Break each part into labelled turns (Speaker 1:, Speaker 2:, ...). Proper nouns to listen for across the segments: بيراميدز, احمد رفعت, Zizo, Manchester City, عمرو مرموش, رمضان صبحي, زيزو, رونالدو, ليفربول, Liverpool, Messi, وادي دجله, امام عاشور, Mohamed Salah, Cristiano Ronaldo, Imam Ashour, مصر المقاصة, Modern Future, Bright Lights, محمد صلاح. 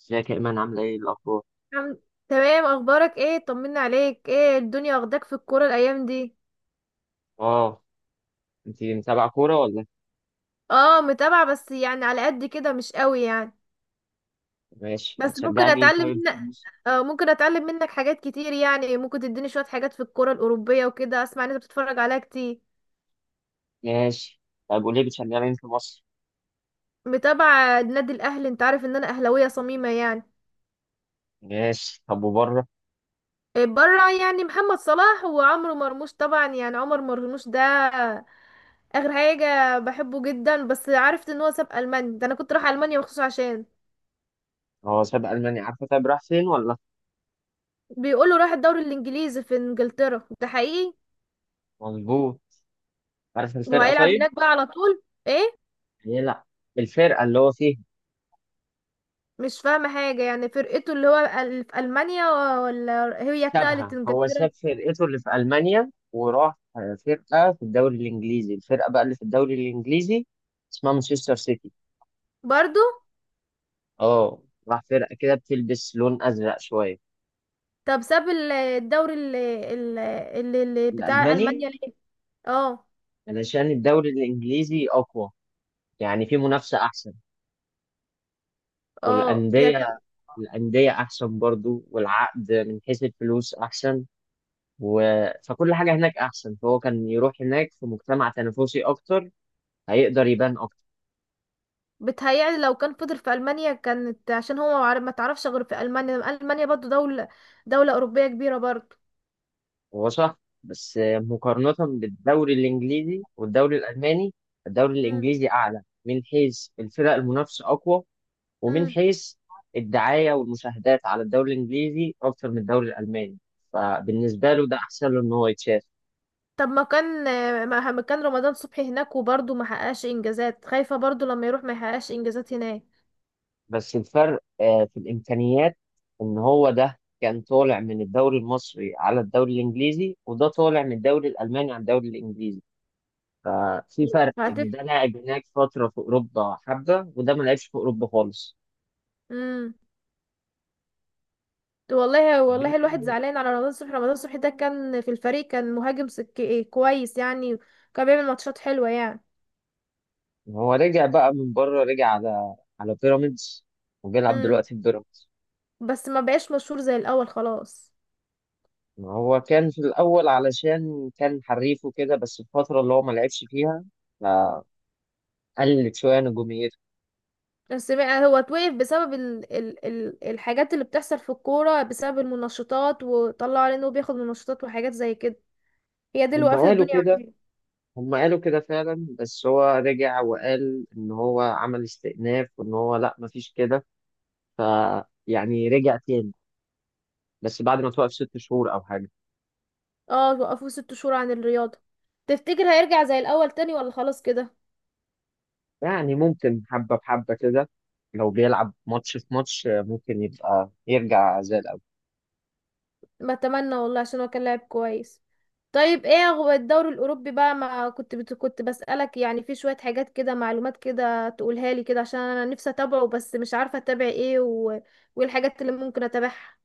Speaker 1: ازيك يا ايمان؟ عامله ايه؟ الاخبار
Speaker 2: الحمد. تمام، اخبارك ايه؟ طمنا عليك، ايه الدنيا واخداك في الكوره الايام دي؟
Speaker 1: اه انت متابعه كوره ولا؟
Speaker 2: اه، متابعه بس يعني على قد كده، مش قوي يعني.
Speaker 1: ماشي.
Speaker 2: بس ممكن
Speaker 1: بتشجعي مين
Speaker 2: اتعلم
Speaker 1: طيب في
Speaker 2: منك.
Speaker 1: مصر؟
Speaker 2: اه، ممكن اتعلم منك حاجات كتير يعني، ممكن تديني شويه حاجات في الكوره الاوروبيه وكده. اسمع ان انت بتتفرج عليها كتير.
Speaker 1: ماشي، طب قولي بتشجعي مين في مصر؟
Speaker 2: متابعه نادي الاهلي، انت عارف ان انا اهلاويه صميمه يعني.
Speaker 1: ماشي، طب وبره؟
Speaker 2: إيه، بره يعني محمد صلاح وعمرو مرموش طبعا، يعني عمر مرموش ده اخر حاجه بحبه جدا. بس عرفت ان هو ساب المانيا. ده انا كنت رايحه المانيا مخصوص عشان
Speaker 1: هو ساب المانيا، عارفه؟ طيب راح فين ولا؟
Speaker 2: بيقولوا راح الدوري الانجليزي في انجلترا، ده حقيقي.
Speaker 1: مظبوط. عارف الفرقه
Speaker 2: وهيلعب
Speaker 1: طيب؟
Speaker 2: هناك بقى على طول، ايه؟
Speaker 1: هي لا، الفرقه اللي هو فيها
Speaker 2: مش فاهمه حاجه يعني، فرقته اللي هو في المانيا، ولا هي اتنقلت
Speaker 1: سابها، هو
Speaker 2: انجلترا؟
Speaker 1: ساب فرقته اللي في المانيا وراح فرقه في الدوري الانجليزي. الفرقه بقى اللي في الدوري الانجليزي اسمها مانشستر سيتي.
Speaker 2: برضو.
Speaker 1: اه، راح فرقه كده بتلبس لون ازرق شويه.
Speaker 2: طب ساب الدوري اللي بتاع
Speaker 1: الالماني،
Speaker 2: المانيا ليه؟ اه.
Speaker 1: علشان الدوري الإنجليزي أقوى، يعني في منافسة أحسن
Speaker 2: اه، ده كان...
Speaker 1: والأندية، الأندية أحسن برضو، والعقد من حيث الفلوس أحسن و... فكل حاجة هناك أحسن، فهو كان يروح هناك في مجتمع تنافسي أكتر، هيقدر يبان أكتر.
Speaker 2: بتهيألي لو كان فضل في المانيا كانت، عشان هو ما تعرفش غير في المانيا. المانيا برضو دوله اوروبيه كبيره برضو.
Speaker 1: هو صح، بس مقارنة بالدوري الإنجليزي والدوري الألماني، الدوري
Speaker 2: مم.
Speaker 1: الإنجليزي أعلى من حيث الفرق، المنافسة أقوى، ومن
Speaker 2: مم.
Speaker 1: حيث الدعاية والمشاهدات على الدوري الإنجليزي أكتر من الدوري الألماني، فبالنسبة له ده أحسن له إن هو يتشاف.
Speaker 2: طب ما كان رمضان صبحي هناك وبرضه ما حققش انجازات. خايفة برضه لما يروح ما يحققش انجازات هناك.
Speaker 1: بس الفرق في الإمكانيات، إن هو ده كان طالع من الدوري المصري على الدوري الإنجليزي، وده طالع من الدوري الألماني على الدوري الإنجليزي، ففي فرق
Speaker 2: هتف.
Speaker 1: إن ده لاعب هناك فترة في أوروبا حبة، وده ما لعبش في أوروبا خالص.
Speaker 2: امم والله،
Speaker 1: طب بما
Speaker 2: والله الواحد زعلان على رمضان صبحي. رمضان صبحي ده كان في الفريق، كان مهاجم سك... إيه كويس يعني، كان بيعمل ماتشات حلوة يعني.
Speaker 1: إن هو رجع بقى من بره، رجع على بيراميدز وبيلعب
Speaker 2: امم
Speaker 1: دلوقتي في بيراميدز.
Speaker 2: بس ما بقاش مشهور زي الأول خلاص.
Speaker 1: ما هو كان في الأول علشان كان حريف وكده، بس الفترة اللي هو ما لعبش فيها فقلت شوية نجوميته.
Speaker 2: بس بقى هو اتوقف بسبب الحاجات اللي بتحصل في الكورة، بسبب المنشطات، وطلعوا عليه انه بياخد منشطات وحاجات زي كده. هي دي اللي
Speaker 1: هم
Speaker 2: وقفت
Speaker 1: قالوا
Speaker 2: الدنيا.
Speaker 1: كده، هم قالوا كده فعلا، بس هو رجع وقال إن هو عمل استئناف وإن هو لأ، مفيش كده ف يعني رجع تاني، بس بعد ما توقف 6 شهور أو حاجة.
Speaker 2: اه، وقفوه 6 شهور عن الرياضة. تفتكر هيرجع زي الأول تاني، ولا خلاص كده؟
Speaker 1: يعني ممكن حبة بحبة كده، لو بيلعب ماتش في ماتش ممكن يبقى يرجع زي الأول.
Speaker 2: ما اتمنى والله، عشان هو كان لاعب كويس. طيب ايه هو الدوري الأوروبي بقى؟ ما كنت بت... كنت بسألك يعني في شوية حاجات كده، معلومات كده تقولها لي كده، عشان أنا نفسي أتابعه بس مش عارفة أتابع ايه وايه الحاجات اللي ممكن أتابعها.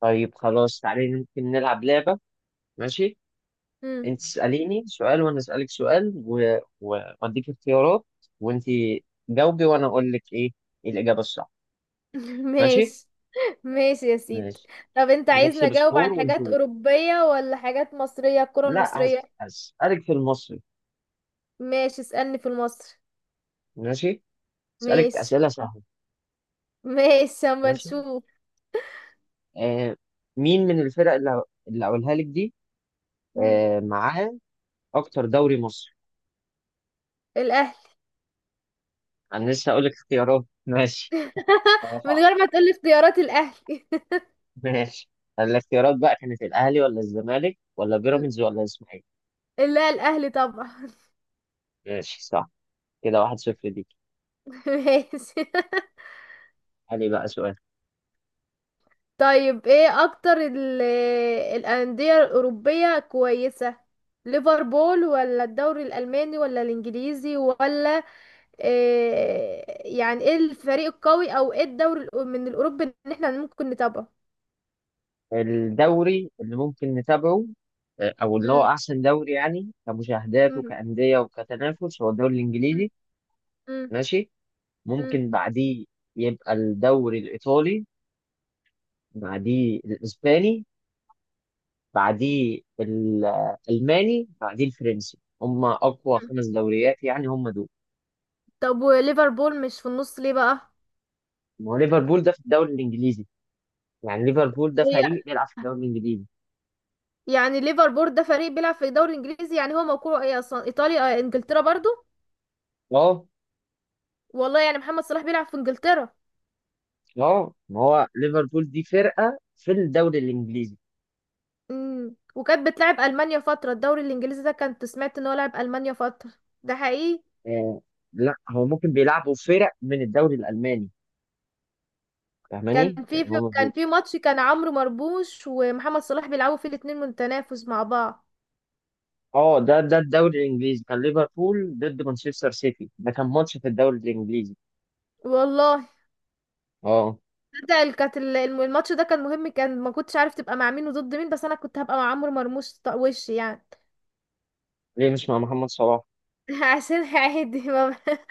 Speaker 1: طيب خلاص، تعالي ممكن نلعب لعبة. ماشي،
Speaker 2: مم.
Speaker 1: انت تساليني سؤال وانا اسالك سؤال واديك اختيارات، وانت جاوبي، وانا اقول لك ايه الاجابه الصح. ماشي.
Speaker 2: ماشي. ماشي يا سيدي.
Speaker 1: ماشي،
Speaker 2: طب انت عايزني
Speaker 1: ونحسب
Speaker 2: أجاوب
Speaker 1: سكور
Speaker 2: عن حاجات
Speaker 1: ونشوف.
Speaker 2: أوروبية ولا حاجات مصرية، الكرة
Speaker 1: لا،
Speaker 2: المصرية؟
Speaker 1: هسالك في المصري.
Speaker 2: ماشي، اسألني في المصري.
Speaker 1: ماشي. اسالك
Speaker 2: ماشي.
Speaker 1: اسئله سهله.
Speaker 2: ماشي، اما
Speaker 1: ماشي.
Speaker 2: نشوف.
Speaker 1: آه، مين من الفرق اللي اقولها لك دي
Speaker 2: مم.
Speaker 1: آه معاه اكتر دوري مصري؟
Speaker 2: الاهلي.
Speaker 1: انا لسه اقول لك اختيارات ماشي. اه
Speaker 2: من غير
Speaker 1: صح.
Speaker 2: ما تقولي اختيارات، الاهلي.
Speaker 1: ماشي، الاختيارات بقى كانت الاهلي ولا الزمالك ولا بيراميدز ولا الاسماعيلي؟
Speaker 2: لا، الاهلي طبعا.
Speaker 1: ماشي، صح. كده 1-0 ليك.
Speaker 2: ماشي.
Speaker 1: علي بقى سؤال.
Speaker 2: طيب ايه اكتر الانديه الاوروبيه كويسه؟ ليفربول، ولا الدوري الالماني ولا الانجليزي، ولا إيه؟ يعني ايه الفريق القوي او ايه الدوري من الاوروبي ان احنا ممكن نتابعه؟
Speaker 1: الدوري اللي ممكن نتابعه آه، او اللي هو
Speaker 2: مم.
Speaker 1: احسن دوري يعني كمشاهدات
Speaker 2: مم.
Speaker 1: وكأندية وكتنافس هو الدوري الانجليزي.
Speaker 2: مم.
Speaker 1: ماشي.
Speaker 2: مم.
Speaker 1: ممكن بعديه يبقى الدوري الايطالي، بعديه الاسباني، بعديه الالماني، بعديه الفرنسي، هم اقوى
Speaker 2: مم.
Speaker 1: 5 دوريات، يعني هم دول.
Speaker 2: طب وليفربول مش في النص ليه بقى؟
Speaker 1: ما هو ليفربول ده في الدوري الانجليزي، يعني ليفربول ده فريق بيلعب في الدوري الانجليزي.
Speaker 2: يعني ليفربول ده فريق بيلعب في الدوري الانجليزي، يعني هو موقعه ايه اصلا، ايطاليا؟ انجلترا برضو.
Speaker 1: اه.
Speaker 2: والله يعني محمد صلاح بيلعب في انجلترا.
Speaker 1: اه، ما هو ليفربول دي فرقه في الدوري الانجليزي.
Speaker 2: وكانت بتلعب المانيا فتره الدوري الانجليزي ده. كنت سمعت ان هو لعب المانيا فتره، ده حقيقي؟
Speaker 1: آه، لا هو ممكن بيلعبوا فرق من الدوري الالماني،
Speaker 2: كان
Speaker 1: فاهماني؟ يعني هو
Speaker 2: كان
Speaker 1: مفيش.
Speaker 2: في ماتش، كان عمرو مرموش ومحمد صلاح بيلعبوا فيه الاتنين، متنافس مع بعض.
Speaker 1: اه، ده الدوري الانجليزي كان ليفربول ضد مانشستر سيتي، ده كان ماتش في الدوري الانجليزي.
Speaker 2: والله.
Speaker 1: اه.
Speaker 2: ده كانت الماتش ده كان مهم. كان ما كنتش عارف تبقى مع مين وضد مين، بس انا كنت هبقى مع عمرو مرموش، وش يعني.
Speaker 1: ليه مش مع محمد صلاح؟
Speaker 2: عشان عادي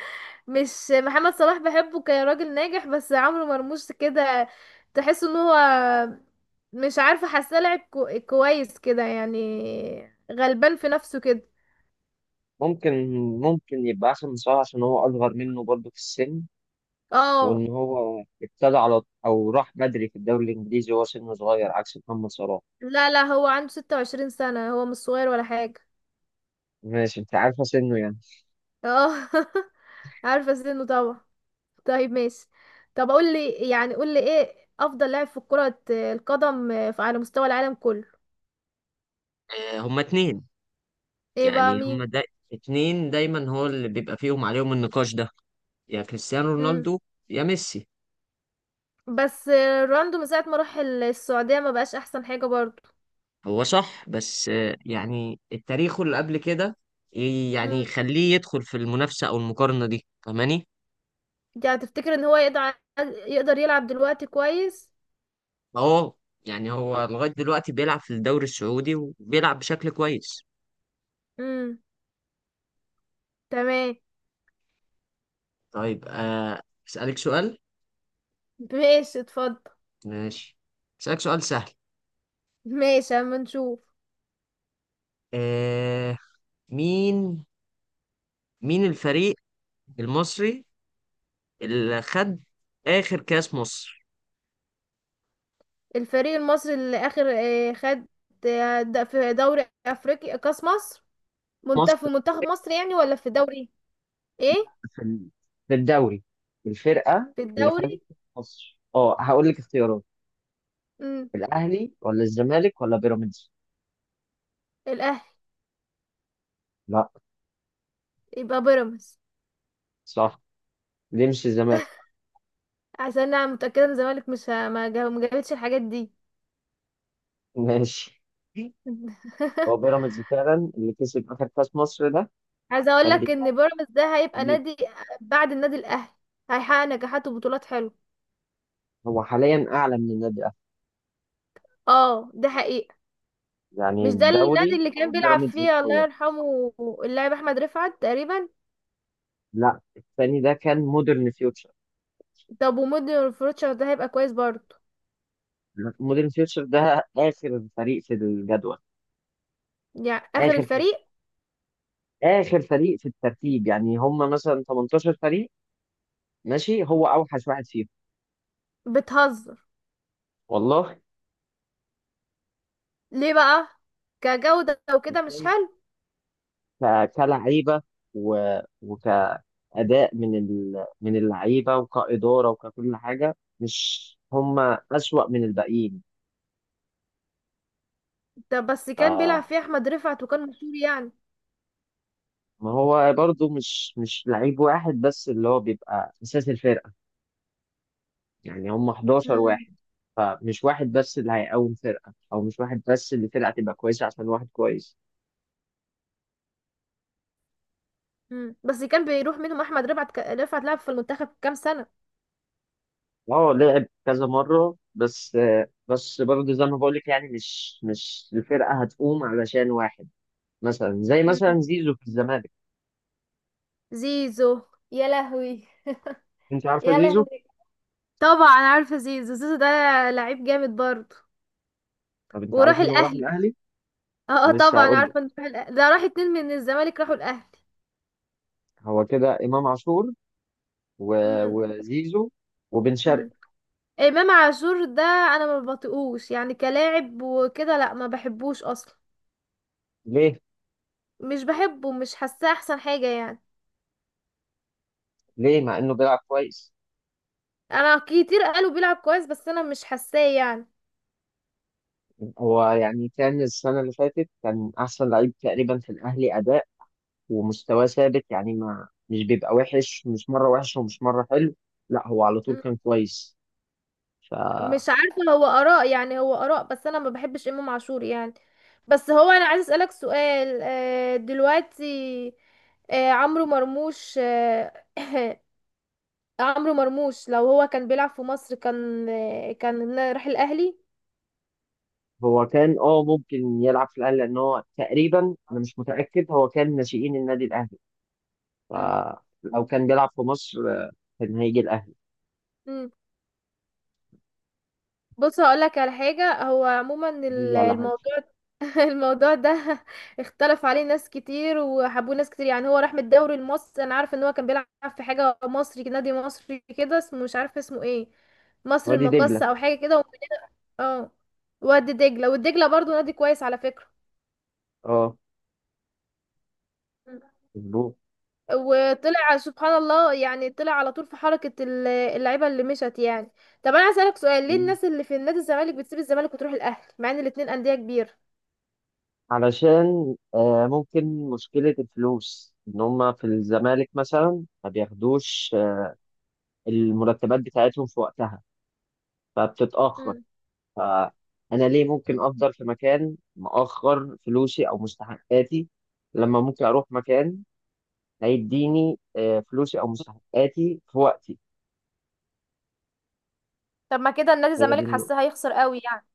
Speaker 2: مش محمد صلاح بحبه كراجل ناجح، بس عمرو مرموش كده تحس ان هو... مش عارفه، حاسه لعب كويس كده يعني، غلبان في نفسه كده.
Speaker 1: ممكن، ممكن يبقى احسن من صلاح عشان هو اصغر منه برضه في السن،
Speaker 2: اه.
Speaker 1: وان هو ابتدى على او راح بدري في الدوري الانجليزي وهو سنه صغير عكس محمد صلاح.
Speaker 2: لا لا، هو عنده 26 سنة، هو مش صغير ولا حاجة.
Speaker 1: ماشي، انت عارفه سنه يعني.
Speaker 2: اه. عارفة سنه طبعا. طيب ماشي. طب قول لي، ايه افضل لاعب في كرة القدم على مستوى العالم كله؟
Speaker 1: آه، هما اتنين.
Speaker 2: ايه بقى؟
Speaker 1: يعني هما
Speaker 2: مين؟
Speaker 1: دا اتنين دايما هو اللي بيبقى فيهم عليهم النقاش ده، يا كريستيانو رونالدو يا ميسي.
Speaker 2: بس رونالدو من ساعة ما راح السعودية ما بقاش احسن حاجة برضو.
Speaker 1: هو صح، بس آه، يعني التاريخ اللي قبل كده يعني
Speaker 2: امم
Speaker 1: يخليه يدخل في المنافسة أو المقارنة دي، فاهماني؟
Speaker 2: يعني تفتكر ان هو يقدر، يلعب دلوقتي كويس؟
Speaker 1: فهو يعني هو لغاية دلوقتي بيلعب في الدوري السعودي وبيلعب بشكل كويس.
Speaker 2: امم. تمام.
Speaker 1: طيب آه، أسألك سؤال.
Speaker 2: ماشي، اتفضل.
Speaker 1: ماشي. أسألك سؤال سهل.
Speaker 2: ماشي، اما نشوف.
Speaker 1: آه، مين مين الفريق المصري اللي خد آخر كأس مصر؟
Speaker 2: الفريق المصري اللي اخر خد، في دوري افريقيا، كاس مصر،
Speaker 1: مصر،
Speaker 2: في منتخب مصر يعني، ولا في دوري؟ ايه،
Speaker 1: في ال- في الدوري، الفرقة
Speaker 2: في
Speaker 1: اللي خدت
Speaker 2: الدوري.
Speaker 1: مصر. اه، هقول لك اختيارات:
Speaker 2: امم.
Speaker 1: الاهلي ولا الزمالك ولا بيراميدز؟
Speaker 2: الاهلي.
Speaker 1: لا.
Speaker 2: يبقى بيراميدز،
Speaker 1: صح. دي مش الزمالك.
Speaker 2: عشان انا متأكدة ان الزمالك مش ه- ما جا- ما جابتش الحاجات دي.
Speaker 1: ماشي. هو بيراميدز فعلا اللي كسب اخر كاس مصر ده.
Speaker 2: عايزه اقول
Speaker 1: كان
Speaker 2: لك ان
Speaker 1: بيلعب
Speaker 2: بيراميدز ده هيبقى
Speaker 1: فريق.
Speaker 2: نادي بعد النادي الاهلي، هيحقق نجاحات وبطولات حلوه.
Speaker 1: هو حاليا اعلى من النادي الاهلي،
Speaker 2: اه، ده حقيقه.
Speaker 1: يعني
Speaker 2: مش ده النادي
Speaker 1: الدوري
Speaker 2: اللي
Speaker 1: هو
Speaker 2: كان بيلعب
Speaker 1: بيراميدز
Speaker 2: فيه الله
Speaker 1: الاول.
Speaker 2: يرحمه، اللاعب احمد رفعت تقريبا؟
Speaker 1: لا، الثاني ده كان مودرن فيوتشر.
Speaker 2: طب ومودي فروتشر ده هيبقى كويس برضه؟
Speaker 1: مودرن فيوتشر ده اخر فريق في الجدول،
Speaker 2: يعني اخر
Speaker 1: اخر فريق،
Speaker 2: الفريق؟
Speaker 1: اخر فريق في الترتيب، يعني هم مثلا 18 فريق. ماشي، هو اوحش واحد فيهم.
Speaker 2: بتهزر؟
Speaker 1: والله.
Speaker 2: ليه بقى؟ كجوده وكده مش
Speaker 1: ماشي.
Speaker 2: حلو؟
Speaker 1: كلعيبه و... وكاداء من اللعيبه وكاداره وككل حاجه، مش هم اسوأ من الباقيين
Speaker 2: طب بس
Speaker 1: ف...
Speaker 2: كان بيلعب فيه احمد رفعت وكان مشهور يعني.
Speaker 1: ما هو برضو مش لعيب واحد بس اللي هو بيبقى اساس الفرقه، يعني هم 11
Speaker 2: مم.
Speaker 1: واحد، فمش واحد بس اللي هيقوم فرقه، او مش واحد بس اللي فرقه تبقى كويسه عشان واحد كويس.
Speaker 2: مم. بس كان بيروح منهم احمد رفعت، رفعت لعب في المنتخب كام سنه.
Speaker 1: اه، لعب كذا مرة بس. بس برضه زي ما بقولك، يعني مش الفرقة هتقوم علشان واحد، مثلا زي
Speaker 2: مم.
Speaker 1: مثلا زيزو في الزمالك.
Speaker 2: زيزو. يا لهوي.
Speaker 1: انت عارفة
Speaker 2: يا
Speaker 1: زيزو؟
Speaker 2: لهوي، طبعا عارفه زيزو، زيزو ده لعيب جامد برضه.
Speaker 1: طب انت
Speaker 2: وراح
Speaker 1: عارف انه راح
Speaker 2: الاهلي.
Speaker 1: الأهلي؟
Speaker 2: اه،
Speaker 1: لسه
Speaker 2: طبعا
Speaker 1: هقول لك.
Speaker 2: عارفه انه راح الاهلي، ده راح اتنين من الزمالك راحوا الاهلي.
Speaker 1: هو كده إمام عاشور و...
Speaker 2: امم.
Speaker 1: وزيزو وبن
Speaker 2: امم.
Speaker 1: شرقي.
Speaker 2: امام عاشور ده انا ما بطيقوش يعني كلاعب وكده، لا ما بحبوش اصلا.
Speaker 1: ليه؟
Speaker 2: مش بحبه، مش حاساه احسن حاجه يعني.
Speaker 1: ليه مع انه بيلعب كويس؟
Speaker 2: انا كتير قالوا بيلعب كويس، بس انا مش حاساه يعني.
Speaker 1: هو يعني كان السنة اللي فاتت كان أحسن لعيب تقريبا في الأهلي أداء، ومستواه ثابت، يعني ما مش بيبقى وحش، مش مرة وحش ومش مرة حلو، لا هو على طول كان كويس. فهو
Speaker 2: مش عارفة، هو آراء، يعني هو آراء، بس أنا ما بحبش إمام عاشور يعني. بس هو أنا عايز أسألك سؤال دلوقتي. عمرو مرموش عمرو مرموش لو هو كان بيلعب في مصر، كان كان راح الأهلي.
Speaker 1: كان اه ممكن يلعب في الاهلي، لان هو تقريبا، انا مش متاكد، هو كان ناشئين النادي الاهلي،
Speaker 2: مم.
Speaker 1: فلو كان بيلعب في مصر آه، كان هيجي الاهلي.
Speaker 2: مم. بص هقولك على حاجة، هو عموما
Speaker 1: دي لي على حاجه.
Speaker 2: الموضوع... الموضوع ده اختلف عليه ناس كتير، وحبوه ناس كتير. يعني هو راح من الدوري المصري، انا عارفه ان هو كان بيلعب في نادي مصري كده، اسمه مش عارفه اسمه ايه، مصر
Speaker 1: وادي
Speaker 2: المقاصة
Speaker 1: دجله.
Speaker 2: او حاجه كده، ومن اه، وادي دجله، والدجله برضو نادي كويس على فكره.
Speaker 1: اه، مظبوط.
Speaker 2: وطلع سبحان الله، يعني طلع على طول في حركه اللعيبه اللي مشت يعني. طب انا هسألك سؤال، ليه
Speaker 1: مم.
Speaker 2: الناس اللي في النادي الزمالك بتسيب الزمالك وتروح الاهلي، مع ان الاتنين انديه كبيره؟
Speaker 1: علشان آه ممكن مشكله الفلوس، ان هم في الزمالك مثلا ما بياخدوش آه، المرتبات بتاعتهم في وقتها، فبتتاخر،
Speaker 2: مم.
Speaker 1: فانا ليه ممكن افضل في مكان مأخر فلوسي او مستحقاتي، لما ممكن اروح مكان هيديني آه، فلوسي او مستحقاتي في وقتي.
Speaker 2: طب ما كده النادي
Speaker 1: هي دي
Speaker 2: الزمالك
Speaker 1: النقطه،
Speaker 2: حاسه هيخسر قوي يعني.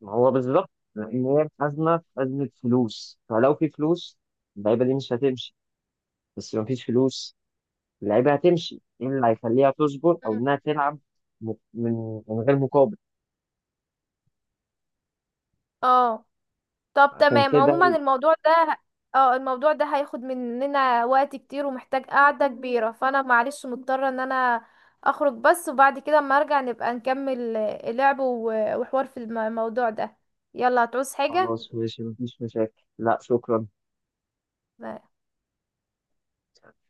Speaker 1: ما هو بالظبط، لان هي الخزنه، في خزنه فلوس، فلو في فلوس اللعيبه دي مش هتمشي، بس لو مفيش فلوس اللعيبه هتمشي. ايه اللي هيخليها تصبر او
Speaker 2: مم.
Speaker 1: انها تلعب من غير مقابل؟
Speaker 2: اه. طب
Speaker 1: عشان
Speaker 2: تمام،
Speaker 1: كده.
Speaker 2: عموما الموضوع ده... اه، الموضوع ده هياخد مننا وقت كتير ومحتاج قعدة كبيرة، فانا معلش مضطرة ان انا اخرج بس، وبعد كده اما ارجع نبقى نكمل اللعب وحوار في الموضوع ده. يلا، هتعوز حاجة؟
Speaker 1: خلاص ماشي، مفيش مشاكل، لا شكرا.